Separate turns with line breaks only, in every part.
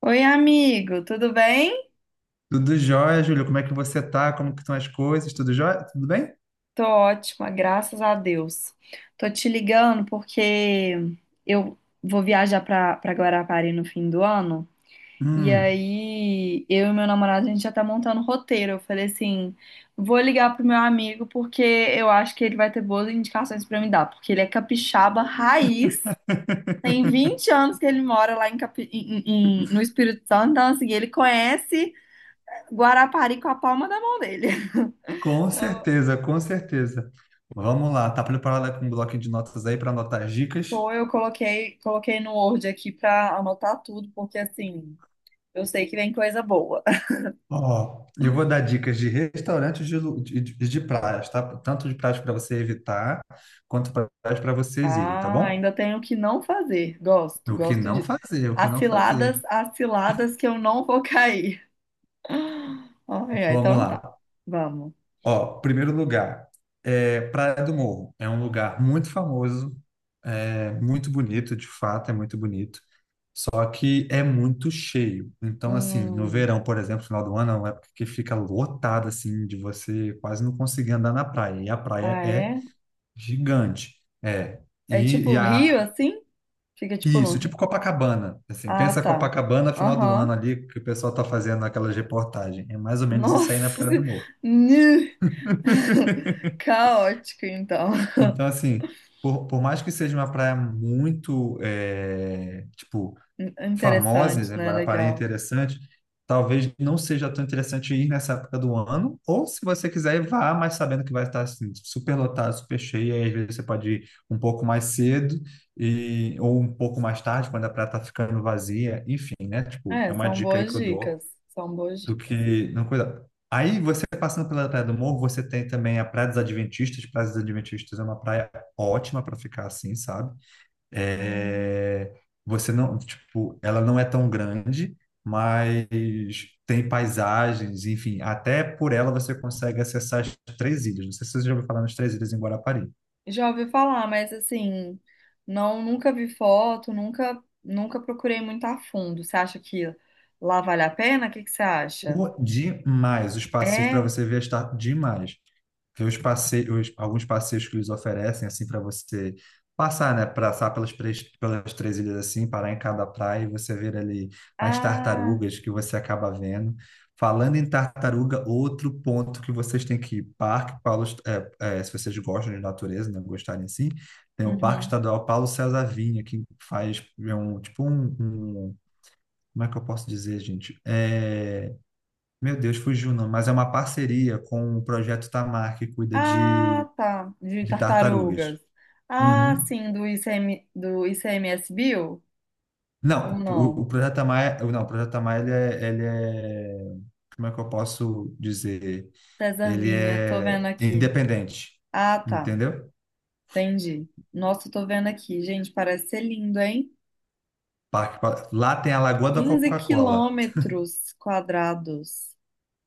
Oi, amigo, tudo bem?
Tudo jóia, Júlio? Como é que você tá? Como que estão as coisas? Tudo jóia? Tudo bem?
Tô ótima, graças a Deus. Tô te ligando porque eu vou viajar pra Guarapari no fim do ano. E
Hum,
aí, eu e meu namorado, a gente já tá montando o roteiro. Eu falei assim: vou ligar pro meu amigo porque eu acho que ele vai ter boas indicações pra me dar. Porque ele é capixaba raiz, tem 20 anos que ele mora lá no Espírito Santo. Então, assim, ele conhece Guarapari com a palma da mão dele.
com certeza, com certeza. Vamos lá, tá preparada com um bloco de notas aí para anotar as dicas?
Tô, eu coloquei no Word aqui pra anotar tudo, porque assim, eu sei que vem coisa boa.
Ó, eu vou dar dicas de restaurantes de praias, tá? Tanto de praias para você evitar, quanto praias para vocês irem, tá
Ah,
bom?
ainda tenho o que não fazer. Gosto,
O que
gosto
não
de.
fazer, o que não fazer.
As ciladas que eu não vou cair. Ai, ai,
Vamos
então tá.
lá.
Vamos.
Ó, primeiro lugar, é Praia do Morro. É um lugar muito famoso, é muito bonito, de fato, é muito bonito. Só que é muito cheio. Então, assim, no
Hum,
verão, por exemplo, final do ano, é uma época que fica lotada, assim, de você quase não conseguir andar na praia. E a praia
ah,
é
é?
gigante. É.
É
E, e
tipo
a,
rio assim? Fica tipo no
isso, tipo
rio.
Copacabana. Assim,
Ah,
pensa
tá.
Copacabana, final do ano
Aham.
ali, que o pessoal tá fazendo aquelas reportagens. É mais ou menos isso aí na
Nossa.
Praia do
Senhora.
Morro.
Nu. Caótico, então.
Então, assim, por mais que seja uma praia muito, tipo, famosa,
Interessante,
né,
né?
Guarapari é
Legal.
interessante, talvez não seja tão interessante ir nessa época do ano, ou se você quiser, vá, mas sabendo que vai estar, assim, super lotado, super cheio, aí às vezes você pode ir um pouco mais cedo, e, ou um pouco mais tarde, quando a praia está ficando vazia, enfim, né? Tipo,
É,
é uma
são
dica aí
boas
que eu
dicas,
dou
são boas
do
dicas.
que não cuidar. Aí você passando pela Praia do Morro, você tem também a Praia dos Adventistas. Praia dos Adventistas é uma praia ótima para ficar assim, sabe?
Hum,
É, Você não, tipo, ela não é tão grande, mas tem paisagens, enfim, até por ela você consegue acessar as três ilhas. Não sei se você já ouviu falar nas três ilhas em Guarapari.
Já ouvi falar, mas assim, não, nunca vi foto, nunca, nunca procurei muito a fundo. Você acha que lá vale a pena? O que que você acha?
Demais, os passeios para
É?
você ver está demais. Tem os passeios, alguns passeios que eles oferecem, assim, para você passar, né? Passar pelas, pelas três ilhas, assim, parar em cada praia e você ver ali as
Ah,
tartarugas que você acaba vendo. Falando em tartaruga, outro ponto que vocês têm que ir, Parque Paulo, Est- é, é, se vocês gostam de natureza, né? Gostarem assim, tem o Parque
uhum.
Estadual Paulo César Vinha, que faz é um, tipo um Como é que eu posso dizer, gente? Meu Deus, fugiu não, mas é uma parceria com o Projeto Tamar, que cuida
Ah, tá. De
de tartarugas.
tartarugas. Ah,
Uhum.
sim, do ICM, do ICMS Bill? Ou
Não, o,
não?
o Projeto Maia, não, o Projeto Maia, ele é, como é que eu posso dizer?
César
Ele
Vinha, tô vendo
é
aqui.
independente,
Ah, tá.
entendeu?
Entendi. Nossa, tô vendo aqui. Gente, parece ser lindo, hein?
Lá tem a Lagoa da
quinze
Coca-Cola,
quilômetros quadrados.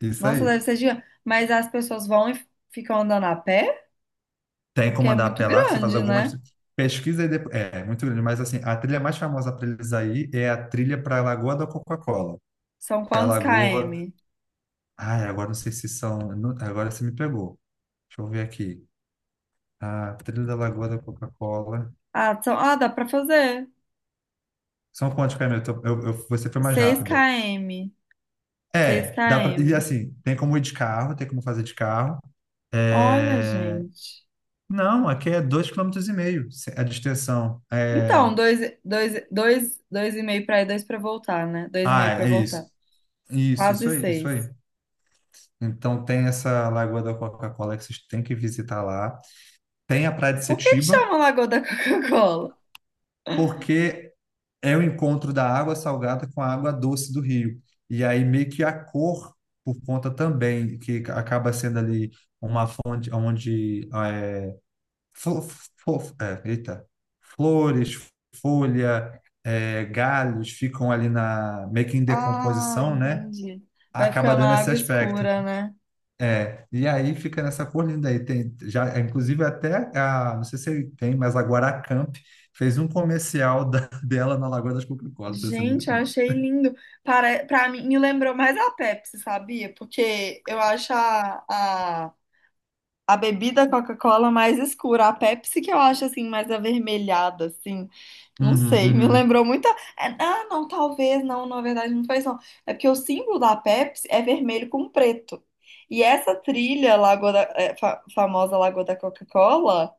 isso
Nossa, deve
aí.
ser gigante. Mas as pessoas vão e ficam andando a pé?
Tem
Porque
como
é
andar a
muito
pé lá, você faz
grande,
algumas
né?
pesquisas e depois, muito grande, mas assim, a trilha mais famosa para eles aí é a trilha para a Lagoa da Coca-Cola,
São
que é a
quantos
lagoa,
km?
ai, agora não sei se são, agora você me pegou. Deixa eu ver aqui. A Trilha da Lagoa da Coca-Cola.
Ah, dá pra fazer.
São quantos caminhos? Eu tô- eu- Você foi mais
Seis
rápida.
km. Seis
É, dá pra, e
km.
assim, tem como ir de carro, tem como fazer de carro.
Olha,
É,
gente.
não, aqui é 2,5 km a distensão.
Então,
É,
dois e meio pra ir, dois pra voltar, né? Dois e
ah,
meio pra
é
voltar.
isso. Isso,
Quase
isso aí, isso aí.
seis.
Então tem essa Lagoa da Coca-Cola que vocês têm que visitar lá. Tem a Praia de
Por que que
Setiba,
chama Lagoa da Coca-Cola?
porque é o encontro da água salgada com a água doce do rio. E aí meio que a cor, por conta também, que acaba sendo ali uma fonte onde flo- eita, flores, folha, galhos ficam ali na meio que em
Ah,
decomposição, né?
entendi. Vai
Acaba
ficando
dando esse
água
aspecto.
escura, né?
É, e aí fica nessa cor linda aí. Tem, já, inclusive até a, não sei se tem, mas a Guaracamp fez um comercial dela na Lagoa das Coca-Colas.
Gente, eu achei lindo. Para mim, me lembrou mais a Pepsi, sabia? Porque eu acho a bebida Coca-Cola mais escura. A Pepsi que eu acho, assim, mais avermelhada, assim. Não
Uhum,
sei, me
uhum.
lembrou muito. Ah, não, talvez, não, na verdade não foi isso, não. É porque o símbolo da Pepsi é vermelho com preto. E essa trilha, Lagoa da, famosa Lagoa da Coca-Cola.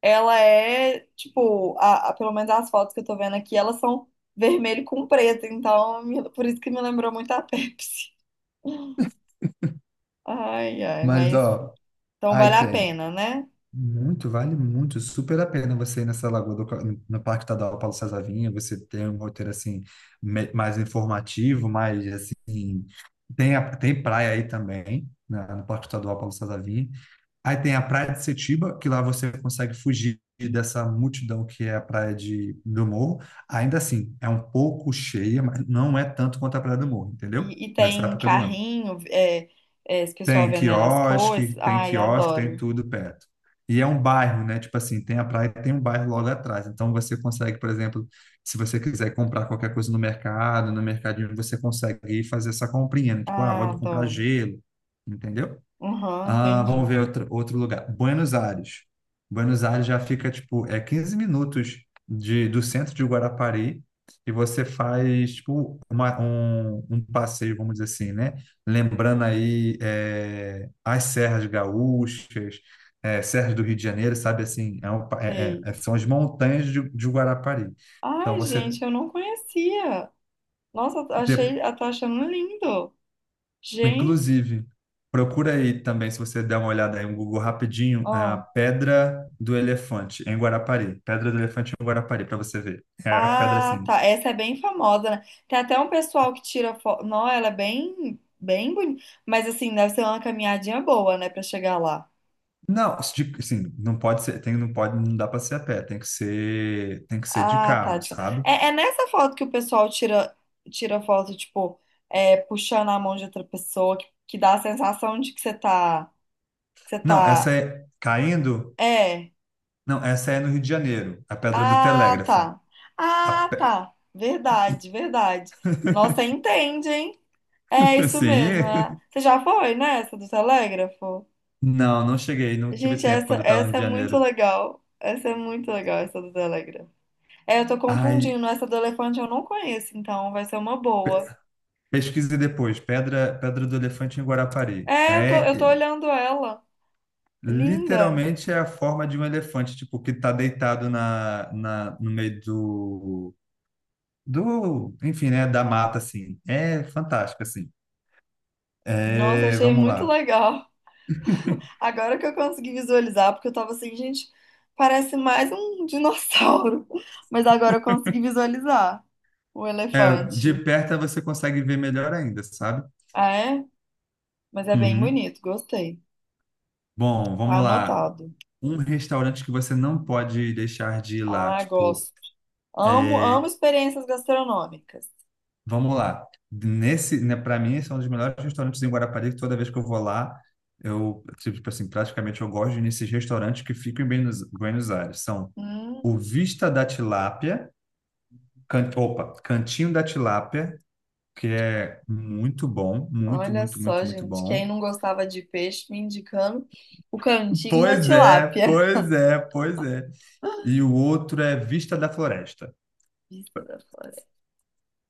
Ela é, tipo, pelo menos as fotos que eu tô vendo aqui, elas são vermelho com preto, então por isso que me lembrou muito a Pepsi. Ai, ai,
Mas,
mas
ó,
então vale
aí
a
tem.
pena, né?
Muito, vale muito, super a pena você ir nessa lagoa do, no Parque Estadual Paulo César Vinha, você tem um roteiro, assim, mais informativo, mais, assim, tem praia aí também, no Parque Estadual Paulo César Vinha. Aí tem a Praia de Setiba, que lá você consegue fugir dessa multidão que é a Praia do Morro. Ainda assim, é um pouco cheia, mas não é tanto quanto a Praia do Morro, entendeu?
E
Nessa
tem
época do ano.
carrinho, esse pessoal
Tem
vendendo as
quiosque,
coisas.
tem
Ai,
quiosque, tem
adoro.
tudo perto. E é um bairro, né? Tipo assim, tem a praia e tem um bairro logo atrás. Então você consegue, por exemplo, se você quiser comprar qualquer coisa no mercado, no mercadinho, você consegue ir fazer essa comprinha, né? Tipo, ah,
Ah,
vou comprar
adoro.
gelo, entendeu?
Aham,
Ah, vamos
entendi.
ver outro, outro lugar. Buenos Aires. Buenos Aires já fica, tipo, é 15 minutos de, do centro de Guarapari e você faz, tipo, um passeio, vamos dizer assim, né? Lembrando aí as Serras Gaúchas, Serras do Rio de Janeiro, sabe assim?
Sei.
São as montanhas de Guarapari. Então,
Ai,
você,
gente, eu não conhecia. Nossa,
de-
eu tô achando lindo. Gente,
Inclusive, procura aí também, se você der uma olhada aí no Google rapidinho, a
ó.
Pedra do Elefante em Guarapari. Pedra do Elefante em Guarapari, para você ver. É a pedra
Ah,
assim.
tá. Essa é bem famosa, né? Tem até um pessoal que tira foto. Não, ela é bem, bem bonita. Mas assim, deve ser uma caminhadinha boa, né, pra chegar lá.
Não, assim, não pode ser, tem, não pode, não dá para ser a pé, tem que ser de
Ah, tá.
carro, sabe?
É nessa foto que o pessoal tira foto, tipo, é, puxando a mão de outra pessoa, que dá a sensação de que você tá, que você
Não, essa
tá.
é caindo.
É.
Não, essa é no Rio de Janeiro, a Pedra do
Ah,
Telégrafo.
tá.
A
Ah,
pe-
tá. Verdade, verdade. Nossa, entende, hein? É isso mesmo, né?
Sim.
Você já foi nessa do telégrafo?
Não, não cheguei, não tive
Gente,
tempo
essa,
quando eu estava no Rio
essa é
de
muito
Janeiro.
legal. Essa é muito legal, essa do Telegram. É, eu tô
Ai,
confundindo. Essa do elefante eu não conheço, então vai ser uma boa.
pesquise depois, Pedra do Elefante em Guarapari.
É, eu tô, eu tô olhando ela. Linda.
Literalmente é a forma de um elefante, tipo, que tá deitado no meio enfim, né, da mata, assim. É fantástico, assim.
Nossa,
É,
achei
vamos
muito
lá.
legal. Agora que eu consegui visualizar, porque eu tava assim, gente, parece mais um dinossauro. Mas agora eu consegui visualizar o
É, de
elefante.
perto você consegue ver melhor ainda, sabe?
Ah, é? Mas é bem
Uhum.
bonito, gostei.
Bom,
Tá
vamos lá.
anotado.
Um restaurante que você não pode deixar de ir lá,
Ah,
tipo,
gosto. Amo, amo
é,
experiências gastronômicas.
vamos lá. Nesse, né, para mim, esse é um dos melhores restaurantes em Guarapari, que toda vez que eu vou lá, eu, tipo assim, praticamente eu gosto de ir nesses restaurantes que ficam em Buenos Aires. São o
Hum,
Vista da Tilápia, can, opa, Cantinho da Tilápia, que é muito bom, muito,
Olha
muito,
só,
muito, muito
gente. Quem
bom.
não gostava de peixe me indicando o cantinho da
Pois é,
tilápia.
pois é, pois é. E o outro é Vista da Floresta.
Vista da Floresta.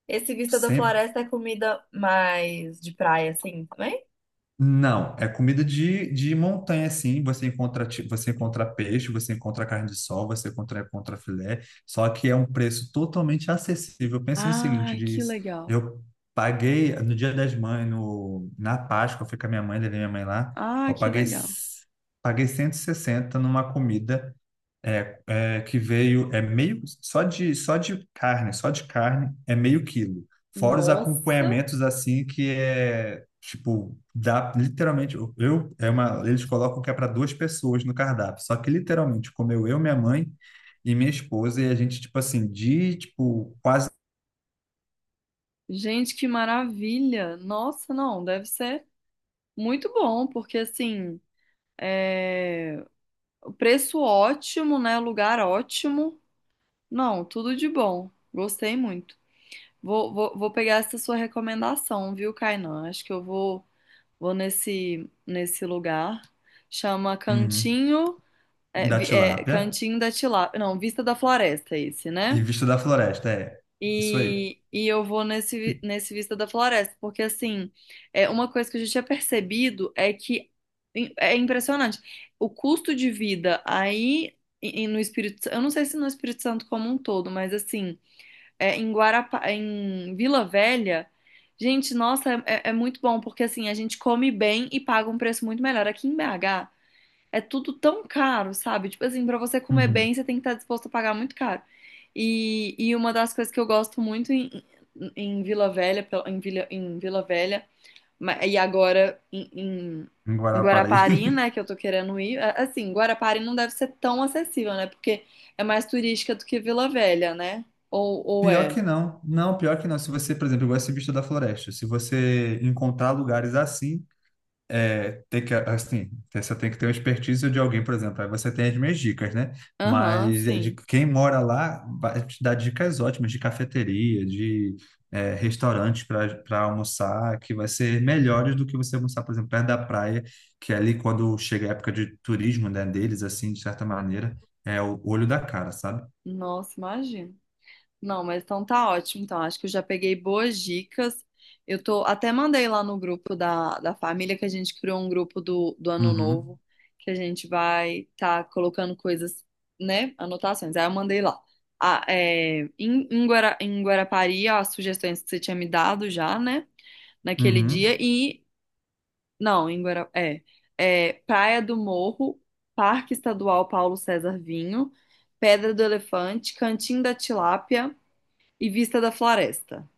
Esse Vista da
Sem-
Floresta é comida mais de praia, assim, também?
Não, é comida de montanha, sim. Você encontra, você encontra peixe, você encontra carne de sol, você encontra filé, só que é um preço totalmente acessível. Pensa no
Ah,
seguinte,
que
diz,
legal.
eu paguei no Dia das Mães, no, na Páscoa, eu fui com a minha mãe, levei minha mãe lá,
Ah,
eu
que
paguei,
legal.
s- paguei 160 numa comida que veio, é meio, só de carne é meio quilo. Fora os
Nossa,
acompanhamentos, assim, que é, tipo, dá, literalmente, é uma, eles colocam que é para duas pessoas no cardápio. Só que, literalmente, comeu eu, minha mãe e minha esposa, e a gente, tipo assim, de, tipo, quase,
gente, que maravilha. Nossa, não, deve ser muito bom, porque assim, é... o preço ótimo, né? Lugar ótimo. Não, tudo de bom. Gostei muito. Vou pegar essa sua recomendação, viu, Kainan? Acho que eu vou nesse lugar. Chama
uhum,
Cantinho,
da tilápia
Cantinho da Tilápia. Não, Vista da Floresta, esse,
e
né?
vista da floresta, é, isso aí.
E eu vou nesse Vista da Floresta, porque assim, é uma coisa que a gente tinha percebido é que é impressionante. O custo de vida aí e no Espírito Santo, eu não sei se no Espírito Santo como um todo, mas assim em Vila Velha. Gente, nossa, é muito bom, porque assim, a gente come bem e paga um preço muito melhor. Aqui em BH é tudo tão caro, sabe? Tipo assim, pra você comer
Uhum.
bem, você tem que estar disposto a pagar muito caro. E uma das coisas que eu gosto muito em, em, Vila Velha, em Vila Velha, e agora
Em
em
Guarapari.
Guarapari, né, que eu tô querendo ir. Assim, Guarapari não deve ser tão acessível, né? Porque é mais turística do que Vila Velha, né? Ou
Pior
é?
que não. Não, pior que não. Se você, por exemplo, eu gosto de Bicho da Floresta. Se você encontrar lugares assim, é, tem que, assim, você tem que ter uma expertise de alguém, por exemplo. Aí você tem as minhas dicas, né?
Aham,
Mas é de
sim.
quem mora lá vai te dar dicas ótimas de cafeteria, de restaurante para almoçar, que vai ser melhores do que você almoçar, por exemplo, perto da praia, que é ali quando chega a época de turismo, né, deles, assim, de certa maneira, é o olho da cara, sabe?
Nossa, imagina. Não, mas então tá ótimo. Então, acho que eu já peguei boas dicas. Eu tô até mandei lá no grupo da família que a gente criou um grupo do Ano
Uhum,
Novo, que a gente vai tá colocando coisas, né? Anotações. Aí eu mandei lá. Ah, é, em, em Guarapari, as sugestões que você tinha me dado já, né? Naquele
uhum.
dia. Não, é Praia do Morro, Parque Estadual Paulo César Vinho, Pedra do Elefante, Cantinho da Tilápia e Vista da Floresta,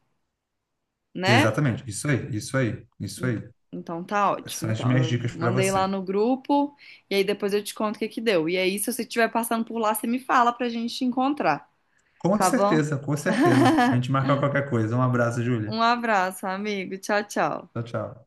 né?
Exatamente, isso aí, isso aí, isso
Hum,
aí.
Então tá
Essas
ótimo.
são as
Então,
minhas
eu
dicas para
mandei lá
você.
no grupo e aí depois eu te conto o que que deu. E aí, se você estiver passando por lá, você me fala pra gente encontrar,
Com
tá bom?
certeza, com certeza. A gente marca qualquer coisa. Um abraço, Júlia.
Um abraço, amigo. Tchau, tchau.
Tchau, tchau.